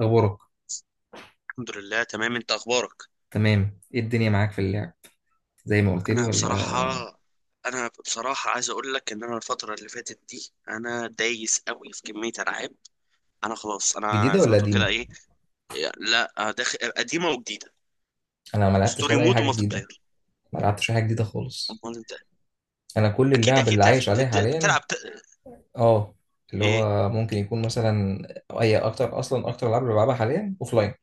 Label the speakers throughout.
Speaker 1: اخبارك؟
Speaker 2: الحمد لله، تمام. انت اخبارك؟
Speaker 1: تمام، ايه الدنيا معاك في اللعب؟ زي ما قلت لي،
Speaker 2: انا
Speaker 1: ولا
Speaker 2: بصراحه انا بصراحه عايز اقول لك ان انا الفتره اللي فاتت دي انا دايس قوي في كميه العاب. انا خلاص، انا
Speaker 1: جديده
Speaker 2: زي
Speaker 1: ولا
Speaker 2: ما تقول كده،
Speaker 1: قديمه؟
Speaker 2: ايه. لا، داخل قديمه وجديده.
Speaker 1: انا ما لعبتش
Speaker 2: ستوري
Speaker 1: ولا اي
Speaker 2: مود
Speaker 1: حاجه
Speaker 2: ومالتي
Speaker 1: جديده،
Speaker 2: بلاير.
Speaker 1: ما لعبتش أي حاجه جديده خالص.
Speaker 2: امال انت؟
Speaker 1: انا كل
Speaker 2: اكيد
Speaker 1: اللعب اللي
Speaker 2: اكيد
Speaker 1: عايش
Speaker 2: لعبت،
Speaker 1: عليه حاليا،
Speaker 2: بتلعب
Speaker 1: اه، اللي
Speaker 2: ايه؟
Speaker 1: هو ممكن يكون مثلا اي، اكتر، اصلا اكتر العاب اللي بلعبها حاليا لاين،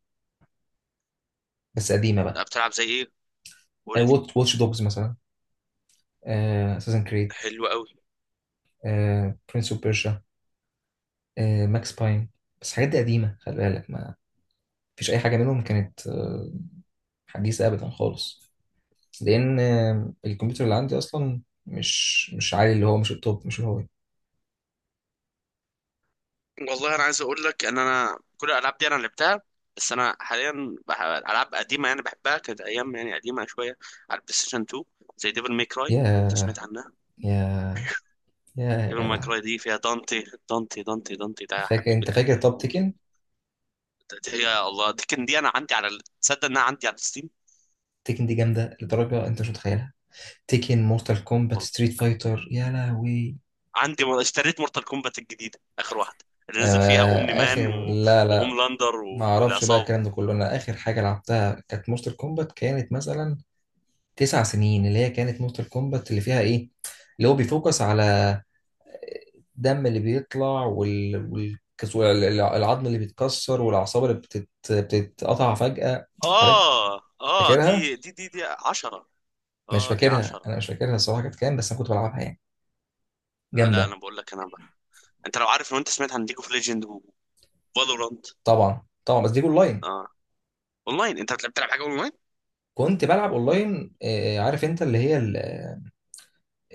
Speaker 1: بس قديمه
Speaker 2: لا،
Speaker 1: بقى.
Speaker 2: بتلعب زي ايه؟ قول لي.
Speaker 1: واتش دوجز مثلا، اساسن كريد،
Speaker 2: حلو قوي.
Speaker 1: برنس اوف بيرشا، ماكس باين. بس الحاجات دي قديمه، خلي بالك ما فيش اي حاجه منهم كانت حديثه ابدا خالص. لان الكمبيوتر اللي عندي اصلا مش عالي، اللي هو مش التوب، مش الهاي.
Speaker 2: والله انا عايز اقول لك ان انا كل الالعاب دي انا لعبتها، بس انا حاليا العاب قديمه يعني بحبها، كانت ايام يعني قديمه شويه، على البلاي ستيشن 2. زي ديفل ماي كراي،
Speaker 1: يا
Speaker 2: انت سمعت عنها؟
Speaker 1: يا يا
Speaker 2: ديفل ماي
Speaker 1: جدع،
Speaker 2: كراي دي فيها دانتي. دانتي دانتي دانتي ده
Speaker 1: فاكر؟
Speaker 2: حبيب
Speaker 1: انت
Speaker 2: القلب
Speaker 1: فاكر طب تيكن؟
Speaker 2: يا الله، دي انا عندي على تصدق انها عندي على الستيم.
Speaker 1: تيكن دي جامده لدرجه انت مش متخيلها. تيكن، مورتال كومبات،
Speaker 2: والله
Speaker 1: ستريت فايتر، يا لهوي.
Speaker 2: عندي اشتريت مورتال كومبات الجديده، اخر واحده، اللي نزل فيها اومني
Speaker 1: آه
Speaker 2: مان
Speaker 1: اخر،
Speaker 2: و...
Speaker 1: لا لا،
Speaker 2: وهوملاندر
Speaker 1: ما
Speaker 2: و...
Speaker 1: اعرفش بقى
Speaker 2: والعصابه.
Speaker 1: الكلام ده كله. انا اخر حاجه لعبتها كانت مورتال كومبات، كانت مثلا 9 سنين، اللي هي كانت مورتال كومبات اللي فيها ايه، اللي هو بيفوكس على الدم اللي بيطلع والعظم اللي بيتكسر والاعصاب اللي بتتقطع فجأة. عارف،
Speaker 2: اه، اه، دي
Speaker 1: فاكرها.
Speaker 2: دي دي دي 10.
Speaker 1: مش
Speaker 2: اه، دي
Speaker 1: فاكرها،
Speaker 2: 10.
Speaker 1: انا مش فاكرها الصراحة كانت كام، بس انا كنت بلعبها يعني،
Speaker 2: آه، لا
Speaker 1: جامدة.
Speaker 2: انا بقول لك انا بقى. انت لو انت سمعت عن ليج اوف ليجند وفالورانت؟
Speaker 1: طبعا طبعا، بس دي اونلاين.
Speaker 2: اه. اونلاين؟ انت بتلعب حاجه اونلاين؟
Speaker 1: كنت بلعب اونلاين عارف انت اللي هي ال-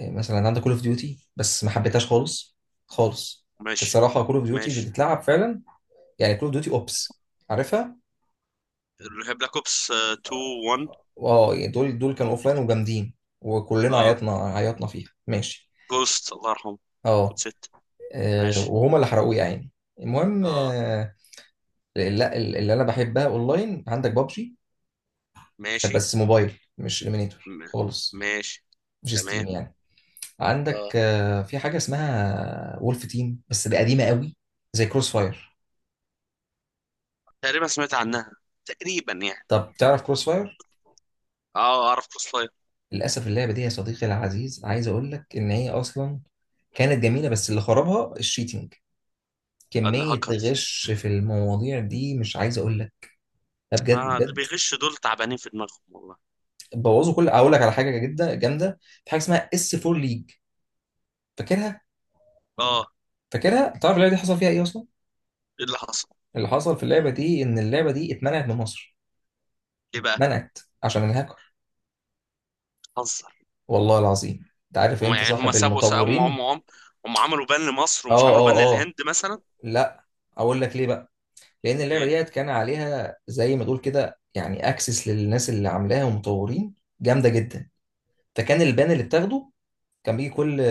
Speaker 1: آه، مثلا عندك كول اوف ديوتي، بس ما حبيتهاش خالص خالص.
Speaker 2: ماشي.
Speaker 1: الصراحة كول اوف ديوتي اللي
Speaker 2: ماشي.
Speaker 1: تتلعب فعلا، يعني كول اوف ديوتي اوبس، عارفها.
Speaker 2: بلاك اوبس 2، 1.
Speaker 1: اه، يعني دول دول كانوا اوفلاين وجامدين، وكلنا
Speaker 2: اه،
Speaker 1: عيطنا عيطنا فيها ماشي.
Speaker 2: جوست، الله يرحمه. كود
Speaker 1: اه
Speaker 2: 6. ماشي.
Speaker 1: وهما اللي حرقوه يا عيني. المهم
Speaker 2: اه.
Speaker 1: لا اللي انا بحبها اونلاين عندك بابجي،
Speaker 2: ماشي.
Speaker 1: بس موبايل، مش ليمينيتور
Speaker 2: م-
Speaker 1: خالص،
Speaker 2: ماشي.
Speaker 1: مش
Speaker 2: تمام.
Speaker 1: ستيم يعني.
Speaker 2: اه،
Speaker 1: عندك في حاجه اسمها وولف تيم، بس دي قديمه قوي، زي كروس فاير.
Speaker 2: تقريبا سمعت عنها، تقريبا يعني.
Speaker 1: طب تعرف كروس فاير؟
Speaker 2: اه، اعرف كروس فاير.
Speaker 1: للاسف اللعبه دي يا صديقي العزيز، عايز اقول لك ان هي اصلا كانت جميله، بس اللي خربها الشيتنج. كميه
Speaker 2: الهاكرز.
Speaker 1: غش في المواضيع دي مش عايز اقول لك، ده بجد
Speaker 2: ما اللي
Speaker 1: بجد.
Speaker 2: بيغش دول تعبانين في دماغهم، والله.
Speaker 1: بوظوا كل، اقول لك على حاجه جدا جامده. في حاجه اسمها اس 4 ليج، فاكرها؟
Speaker 2: اه.
Speaker 1: فاكرها، تعرف اللعبه دي حصل فيها ايه اصلا؟
Speaker 2: ايه اللي حصل؟
Speaker 1: اللي حصل في اللعبه دي ان اللعبه دي اتمنعت من مصر،
Speaker 2: ليه بقى؟
Speaker 1: منعت عشان الهاكر،
Speaker 2: حظ.
Speaker 1: والله العظيم. انت عارف
Speaker 2: هم
Speaker 1: انت
Speaker 2: يعني، هم
Speaker 1: صاحب
Speaker 2: سابوا،
Speaker 1: المطورين؟
Speaker 2: هم عملوا بان لمصر، ومش
Speaker 1: اه
Speaker 2: عملوا بان
Speaker 1: اه اه،
Speaker 2: للهند مثلا.
Speaker 1: لا اقول لك ليه بقى، لان اللعبه
Speaker 2: ليه؟
Speaker 1: ديت كان عليها زي ما تقول كده يعني اكسس للناس اللي عاملاها، ومطورين جامده جدا. فكان البان اللي بتاخده كان بيجي كل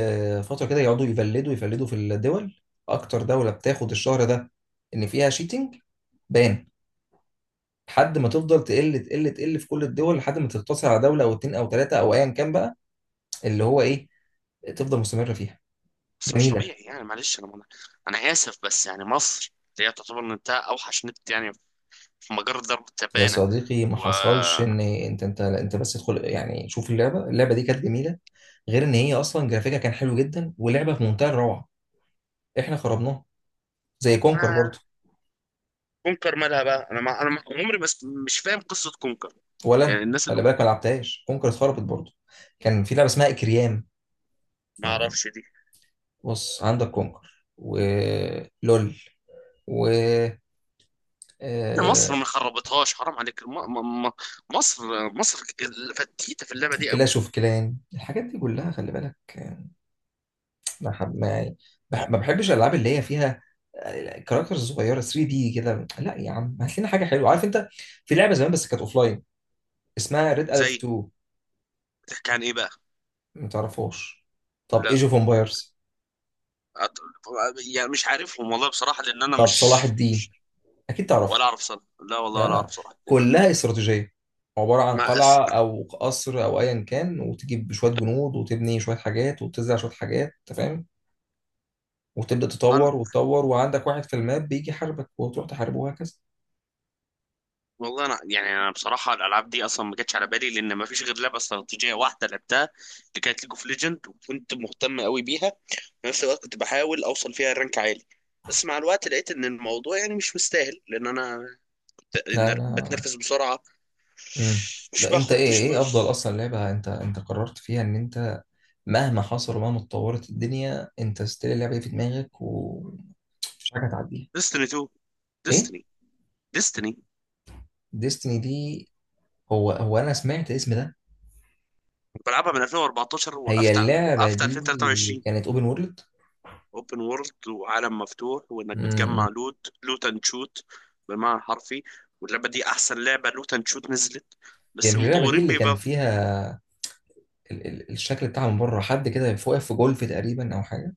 Speaker 1: فترة كده، يقعدوا يفلدوا يفلدوا في الدول، أكتر دولة بتاخد الشهر ده إن فيها شيتنج، بان، لحد ما تفضل تقل تقل تقل في كل الدول، لحد ما تقتصر على دولة أو اتنين أو تلاتة أو أيا كان بقى، اللي هو إيه، تفضل مستمرة فيها،
Speaker 2: بس مش
Speaker 1: جميلة.
Speaker 2: طبيعي، يعني معلش انا، انا اسف، بس يعني مصر، اللي هي تعتبر نت، اوحش نت يعني في مجرة ضرب
Speaker 1: يا
Speaker 2: التبانة.
Speaker 1: صديقي ما
Speaker 2: و
Speaker 1: حصلش إن أنت بس تدخل، يعني شوف اللعبة، اللعبة دي كانت جميلة، غير إن هي أصلا جرافيكها كان حلو جدا، ولعبة في منتهى الروعة، إحنا خربناها، زي كونكر برضه.
Speaker 2: كونكر مالها بقى؟ انا عمري، بس مش فاهم قصة كونكر.
Speaker 1: ولا انا
Speaker 2: يعني الناس اللي...
Speaker 1: خلي بالك ما لعبتهاش، كونكر اتخربت برضه. كان في لعبه اسمها اكريام،
Speaker 2: ما
Speaker 1: يعني.
Speaker 2: اعرفش دي.
Speaker 1: بص، عندك كونكر ولول، و
Speaker 2: إن مصر ما خربتهاش؟ حرام عليك. مصر، مصر فتيتة في اللعبة دي قوي.
Speaker 1: كلاش اوف كلان، الحاجات دي كلها خلي بالك ما حب- ما يعني، بح-
Speaker 2: أوه.
Speaker 1: ما بحبش الالعاب اللي هي فيها كاركترز صغيره 3 دي كده. لا يا عم هات لنا حاجه حلوه، عارف انت، في لعبه زمان بس كانت اوفلاين، اسمها ريد اليرت
Speaker 2: زي...
Speaker 1: 2،
Speaker 2: بتحكي عن ايه بقى؟
Speaker 1: ما تعرفوش؟ طب ايج اوف امبايرز؟
Speaker 2: أت- يعني مش عارفهم والله بصراحة، لأن أنا
Speaker 1: طب صلاح
Speaker 2: مش...
Speaker 1: الدين، اكيد تعرف.
Speaker 2: ولا أعرف صراحة. لا والله ولا
Speaker 1: ده
Speaker 2: أعرف صراحة.
Speaker 1: كلها استراتيجية، عبارة عن
Speaker 2: ما أس...
Speaker 1: قلعة أو قصر أو أيا كان، وتجيب شوية جنود وتبني شوية حاجات وتزرع شوية حاجات، أنت فاهم، وتبدأ
Speaker 2: أنا...
Speaker 1: تطور وتطور، وعندك واحد في الماب بيجي يحاربك وتروح تحاربه، وهكذا.
Speaker 2: والله أنا يعني أنا بصراحة الألعاب دي أصلا ما جاتش على بالي، لأن ما فيش غير لعبة استراتيجية واحدة لعبتها، اللي كانت ليج اوف ليجند، وكنت مهتم قوي بيها. في نفس الوقت كنت بحاول أوصل فيها رانك عالي، بس مع الوقت لقيت إن الموضوع يعني مش مستاهل، لأن أنا
Speaker 1: لا
Speaker 2: إن
Speaker 1: لا.
Speaker 2: بتنفس بسرعة،
Speaker 1: امم
Speaker 2: مش
Speaker 1: لا أنت
Speaker 2: باخد،
Speaker 1: إيه،
Speaker 2: مش
Speaker 1: إيه أفضل أصلا لعبة أنت، أنت قررت فيها إن أنت مهما حصل ومهما اتطورت الدنيا، أنت ستيل اللعبة دي في دماغك، ومفيش حاجة هتعديها؟
Speaker 2: ديستني 2.
Speaker 1: إيه
Speaker 2: ديستني. ديستني.
Speaker 1: ديستني دي؟ هو هو أنا سمعت الاسم ده.
Speaker 2: بلعبها من 2014،
Speaker 1: هي
Speaker 2: وقفت
Speaker 1: اللعبة
Speaker 2: وقفت
Speaker 1: دي
Speaker 2: 2023.
Speaker 1: كانت أوبن وورلد؟
Speaker 2: اوبن وورلد، وعالم مفتوح، وانك
Speaker 1: مم.
Speaker 2: بتجمع لوت اند شوت بالمعنى الحرفي، واللعبه دي احسن لعبه لوت اند شوت نزلت.
Speaker 1: هي
Speaker 2: بس
Speaker 1: مش اللعبة دي
Speaker 2: المطورين
Speaker 1: اللي كان
Speaker 2: بيبقى...
Speaker 1: فيها ال الشكل بتاعها من بره، حد كده واقف في جولف تقريبا أو حاجة؟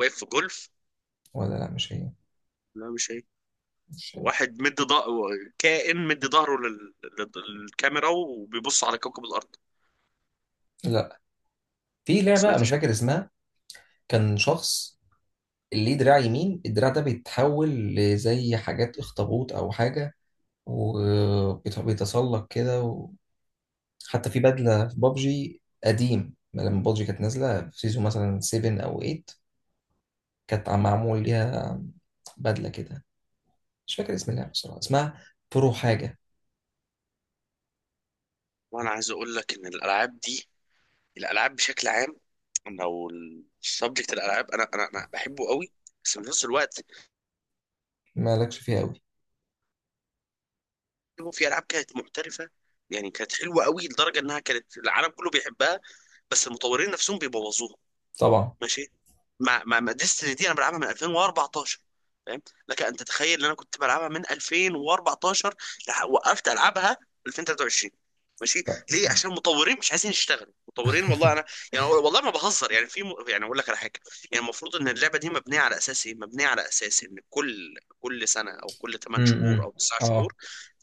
Speaker 2: واقف في جولف.
Speaker 1: ولا لا مش هي،
Speaker 2: لا، مش هي.
Speaker 1: مش هي.
Speaker 2: واحد مد ضهر، كائن مد ظهره للكاميرا وبيبص على كوكب الارض.
Speaker 1: لا في لعبة أنا
Speaker 2: سمعت
Speaker 1: مش
Speaker 2: شيء.
Speaker 1: فاكر اسمها، كان شخص ليه دراع يمين، الدراع ده بيتحول لزي حاجات اخطبوط أو حاجة، وبيتسلق كده حتى في بدلة في بابجي قديم، لما بابجي كانت نازلة في سيزون مثلا 7 أو 8، كانت معمول ليها بدلة كده، مش فاكر اسم اللعبة بصراحة، اسمها برو حاجة.
Speaker 2: وانا عايز اقول لك ان الالعاب دي، الالعاب بشكل عام، لو السبجكت الالعاب، انا بحبه قوي. بس في نفس الوقت
Speaker 1: مالكش فيها،
Speaker 2: في العاب كانت محترفه، يعني كانت حلوه قوي لدرجه انها كانت العالم كله بيحبها، بس المطورين نفسهم بيبوظوها.
Speaker 1: طبعا.
Speaker 2: ماشي. مع ديستني دي انا بلعبها من 2014، فاهم؟ لك ان تتخيل ان انا كنت بلعبها من 2014، وقفت العبها 2023. ماشي.
Speaker 1: طب.
Speaker 2: ليه؟ عشان المطورين مش عايزين يشتغلوا مطورين. والله انا يعني والله ما بهزر، يعني يعني اقول لك على حاجه. يعني المفروض ان اللعبه دي مبنيه على اساس ايه؟ مبنيه على اساس ان كل سنه او كل 8
Speaker 1: امم
Speaker 2: شهور او 9
Speaker 1: اه.
Speaker 2: شهور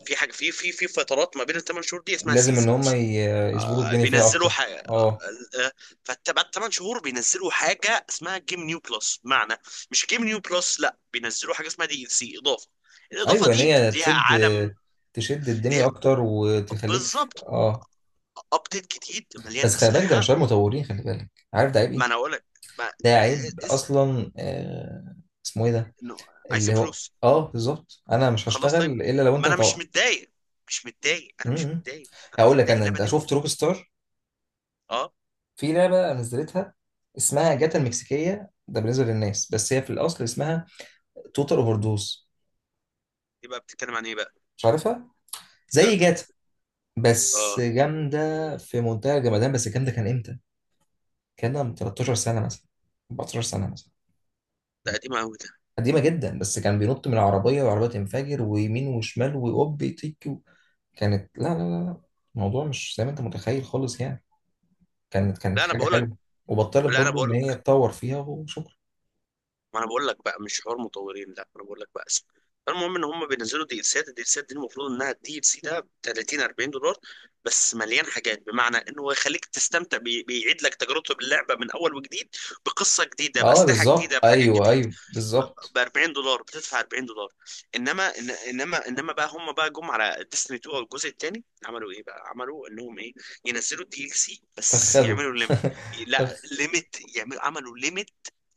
Speaker 2: في حاجه. في فترات ما بين الثمان شهور دي اسمها
Speaker 1: لازم ان
Speaker 2: سيزون.
Speaker 1: هم يظبطوا الدنيا فيها
Speaker 2: بينزلوا
Speaker 1: اكتر،
Speaker 2: حاجه،
Speaker 1: اه.
Speaker 2: فبعد 8 شهور بينزلوا حاجه اسمها جيم نيو بلس، بمعنى... مش جيم نيو بلس، لا، بينزلوا حاجه اسمها دي ال سي، اضافه. الاضافه
Speaker 1: ايوه، ان
Speaker 2: دي
Speaker 1: هي
Speaker 2: ليها
Speaker 1: تشد،
Speaker 2: عالم،
Speaker 1: تشد الدنيا
Speaker 2: ليها...
Speaker 1: اكتر، وتخليك في...
Speaker 2: بالظبط،
Speaker 1: اه.
Speaker 2: ابديت جديد مليان
Speaker 1: بس خلي بالك ده
Speaker 2: اسلحه.
Speaker 1: مش عيب مطورين، خلي بالك عارف ده عيب
Speaker 2: ما
Speaker 1: ايه؟
Speaker 2: انا اقول لك. ما
Speaker 1: ده عيب
Speaker 2: إيه، إس...
Speaker 1: اصلا اسمه ايه ده؟
Speaker 2: إنه عايزين
Speaker 1: اللي هو،
Speaker 2: فلوس.
Speaker 1: اه بالظبط، انا مش
Speaker 2: خلاص
Speaker 1: هشتغل
Speaker 2: طيب،
Speaker 1: الا لو
Speaker 2: ما
Speaker 1: انت
Speaker 2: انا مش
Speaker 1: هتوقع.
Speaker 2: متضايق، مش متضايق، انا مش
Speaker 1: امم
Speaker 2: متضايق، انا مش
Speaker 1: هقول لك
Speaker 2: متضايق
Speaker 1: انا،
Speaker 2: اللعبه
Speaker 1: انت
Speaker 2: دي
Speaker 1: شفت روك ستار؟
Speaker 2: اه.
Speaker 1: في لعبه نزلتها اسمها جاتا المكسيكيه، ده بالنسبه للناس، بس هي في الاصل اسمها توتال اوفر دوز،
Speaker 2: يبقى بتتكلم عن ايه بقى؟
Speaker 1: مش عارفها؟ زي
Speaker 2: لا.
Speaker 1: جاتا، بس
Speaker 2: اه.
Speaker 1: جامدة في منتهى الجمدان. بس الكلام ده كان امتى؟ كان ده من 13 سنة مثلا، 14 سنة مثلا،
Speaker 2: ده قديمه قوي ده.
Speaker 1: قديمة جدا. بس كان بينط من العربية، والعربية تنفجر ويمين وشمال ويقب يطيك كانت، لا لا لا لا، الموضوع مش زي ما انت متخيل خالص يعني، كانت كانت
Speaker 2: لا انا
Speaker 1: حاجة
Speaker 2: بقول لك،
Speaker 1: حلوة، وبطلت
Speaker 2: لا انا
Speaker 1: برضو ان
Speaker 2: بقول
Speaker 1: هي تطور فيها وشكرا.
Speaker 2: ما انا بقول لك بقى، مش حوار مطورين. لا انا بقول لك بقى اسم. المهم ان هم بينزلوا دي السات دي، المفروض انها الدي ال سي ده ب 30 $40، بس مليان حاجات بمعنى انه هو يخليك تستمتع بيعيد لك تجربته باللعبه من اول وجديد، بقصه جديده،
Speaker 1: اه
Speaker 2: باسلحه
Speaker 1: بالظبط،
Speaker 2: جديده، بحاجات
Speaker 1: ايوه
Speaker 2: جديده،
Speaker 1: ايوه بالظبط.
Speaker 2: ب $40، بتدفع $40. انما انما بقى، هم بقى، جم على ديستني 2، او الجزء الثاني، عملوا ايه بقى؟ عملوا انهم ايه؟ ينزلوا الدي ال سي بس
Speaker 1: فخده،
Speaker 2: يعملوا ليميت. لا،
Speaker 1: فخ.
Speaker 2: ليميت، عملوا ليميت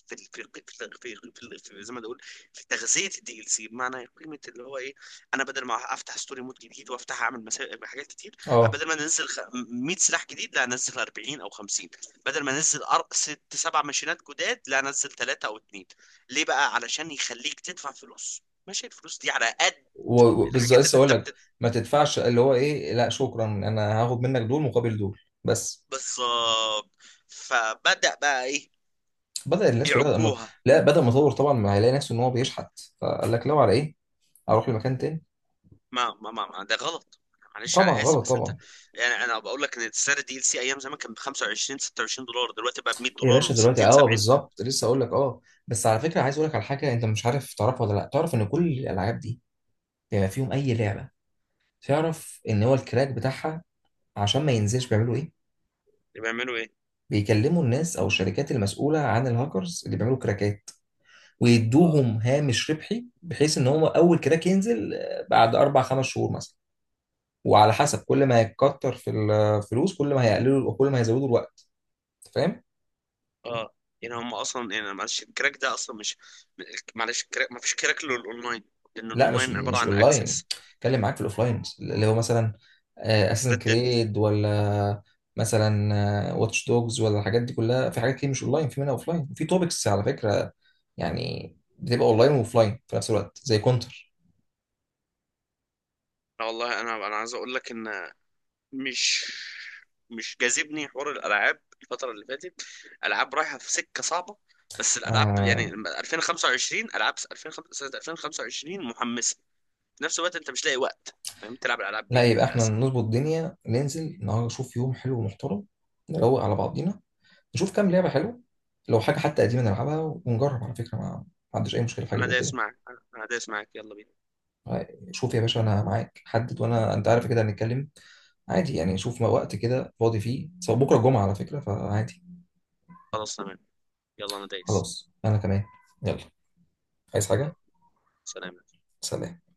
Speaker 2: في ال- في ال- في ال- في ال- في ال- في- زي ما بقول، في تغذيه الدي ال سي، بمعنى قيمه اللي هو ايه. انا بدل ما افتح ستوري مود جديد، وافتح اعمل حاجات كتير،
Speaker 1: اه،
Speaker 2: بدل ما انزل 100 سلاح جديد، لا انزل 40 او 50. بدل ما انزل ست سبع ماشينات جداد، لا انزل ثلاثه او اثنين. ليه بقى؟ علشان يخليك تدفع فلوس، ماشي، الفلوس دي على قد
Speaker 1: وبالظبط
Speaker 2: الحاجات
Speaker 1: لسه
Speaker 2: اللي
Speaker 1: اقول
Speaker 2: انت
Speaker 1: لك.
Speaker 2: بتدفع.
Speaker 1: ما تدفعش، اللي هو ايه، لا شكرا انا هاخد منك دول مقابل دول، بس.
Speaker 2: بالظبط. فبدأ بقى ايه؟
Speaker 1: بدأ الناس كلها تبقى
Speaker 2: يعكوها.
Speaker 1: لا، بدأ المطور طبعا ما هيلاقي نفسه ان هو بيشحت، فقال لك لو على ايه اروح لمكان تاني.
Speaker 2: ما ده غلط، معلش
Speaker 1: طبعا
Speaker 2: انا اسف،
Speaker 1: غلط
Speaker 2: بس انت.
Speaker 1: طبعا.
Speaker 2: يعني انا بقول لك ان السعر الدي ال سي ايام زمان كان ب 25 $26، دلوقتي بقى ب 100
Speaker 1: يا
Speaker 2: دولار
Speaker 1: باشا دلوقتي،
Speaker 2: و60
Speaker 1: اه
Speaker 2: 70.
Speaker 1: بالظبط لسه اقول لك، اه. بس على فكره عايز اقول لك على حاجه، انت مش عارف تعرفها ولا لا؟ تعرف ان كل الالعاب دي، بما فيهم اي لعبه، تعرف ان هو الكراك بتاعها عشان ما ينزلش بيعملوا ايه؟
Speaker 2: اللي بيعملوا ايه؟
Speaker 1: بيكلموا الناس او الشركات المسؤوله عن الهاكرز اللي بيعملوا كراكات،
Speaker 2: اه،
Speaker 1: ويدوهم هامش ربحي بحيث ان هو اول كراك ينزل بعد اربع خمس شهور مثلا، وعلى حسب كل ما هيكتر في الفلوس كل ما هيقللوا، كل ما هيزودوا الوقت، فاهم؟
Speaker 2: اه، يعني هم اصلا، يعني معلش الكراك ده اصلا مش... معلش الكراك، ما فيش كراك للاونلاين، لان
Speaker 1: لا مش
Speaker 2: الاونلاين عباره
Speaker 1: مش
Speaker 2: عن
Speaker 1: اونلاين،
Speaker 2: اكسس.
Speaker 1: اتكلم معاك في الاوفلاين، اللي هو مثلا اساسن
Speaker 2: ردد.
Speaker 1: كريد، ولا مثلا واتش دوجز، ولا الحاجات دي كلها، في حاجات كتير مش اونلاين، في منها اوفلاين، وفي توبكس على فكره، يعني بتبقى اونلاين واوفلاين في نفس الوقت، زي كونتر.
Speaker 2: والله انا عايز اقول لك ان مش... مش جاذبني حوار الالعاب الفتره اللي فاتت. العاب رايحه في سكه صعبه. بس الالعاب يعني لما 2025، العاب 2005، سنه 2025 محمسه، في نفس الوقت انت مش لاقي وقت، فاهم، تلعب الالعاب
Speaker 1: لا
Speaker 2: دي
Speaker 1: يبقى احنا
Speaker 2: للاسف.
Speaker 1: نظبط الدنيا، ننزل النهارده، نشوف يوم حلو ومحترم، نروق على بعضينا، نشوف كام لعبه حلوه، لو حاجه حتى قديمه نلعبها ونجرب، على فكره ما عنديش اي مشكله في حاجه
Speaker 2: انا
Speaker 1: زي
Speaker 2: دايس
Speaker 1: كده.
Speaker 2: معك، انا دايس معك، يلا بينا.
Speaker 1: شوف يا باشا انا معاك، حدد، وانا انت عارف كده هنتكلم عادي يعني، شوف ما وقت كده فاضي فيه، سواء بكره الجمعه على فكره، فعادي.
Speaker 2: خلاص تمام، يلا انا دايس.
Speaker 1: خلاص انا كمان، يلا، عايز حاجه؟
Speaker 2: يلا. سلام.
Speaker 1: سلام.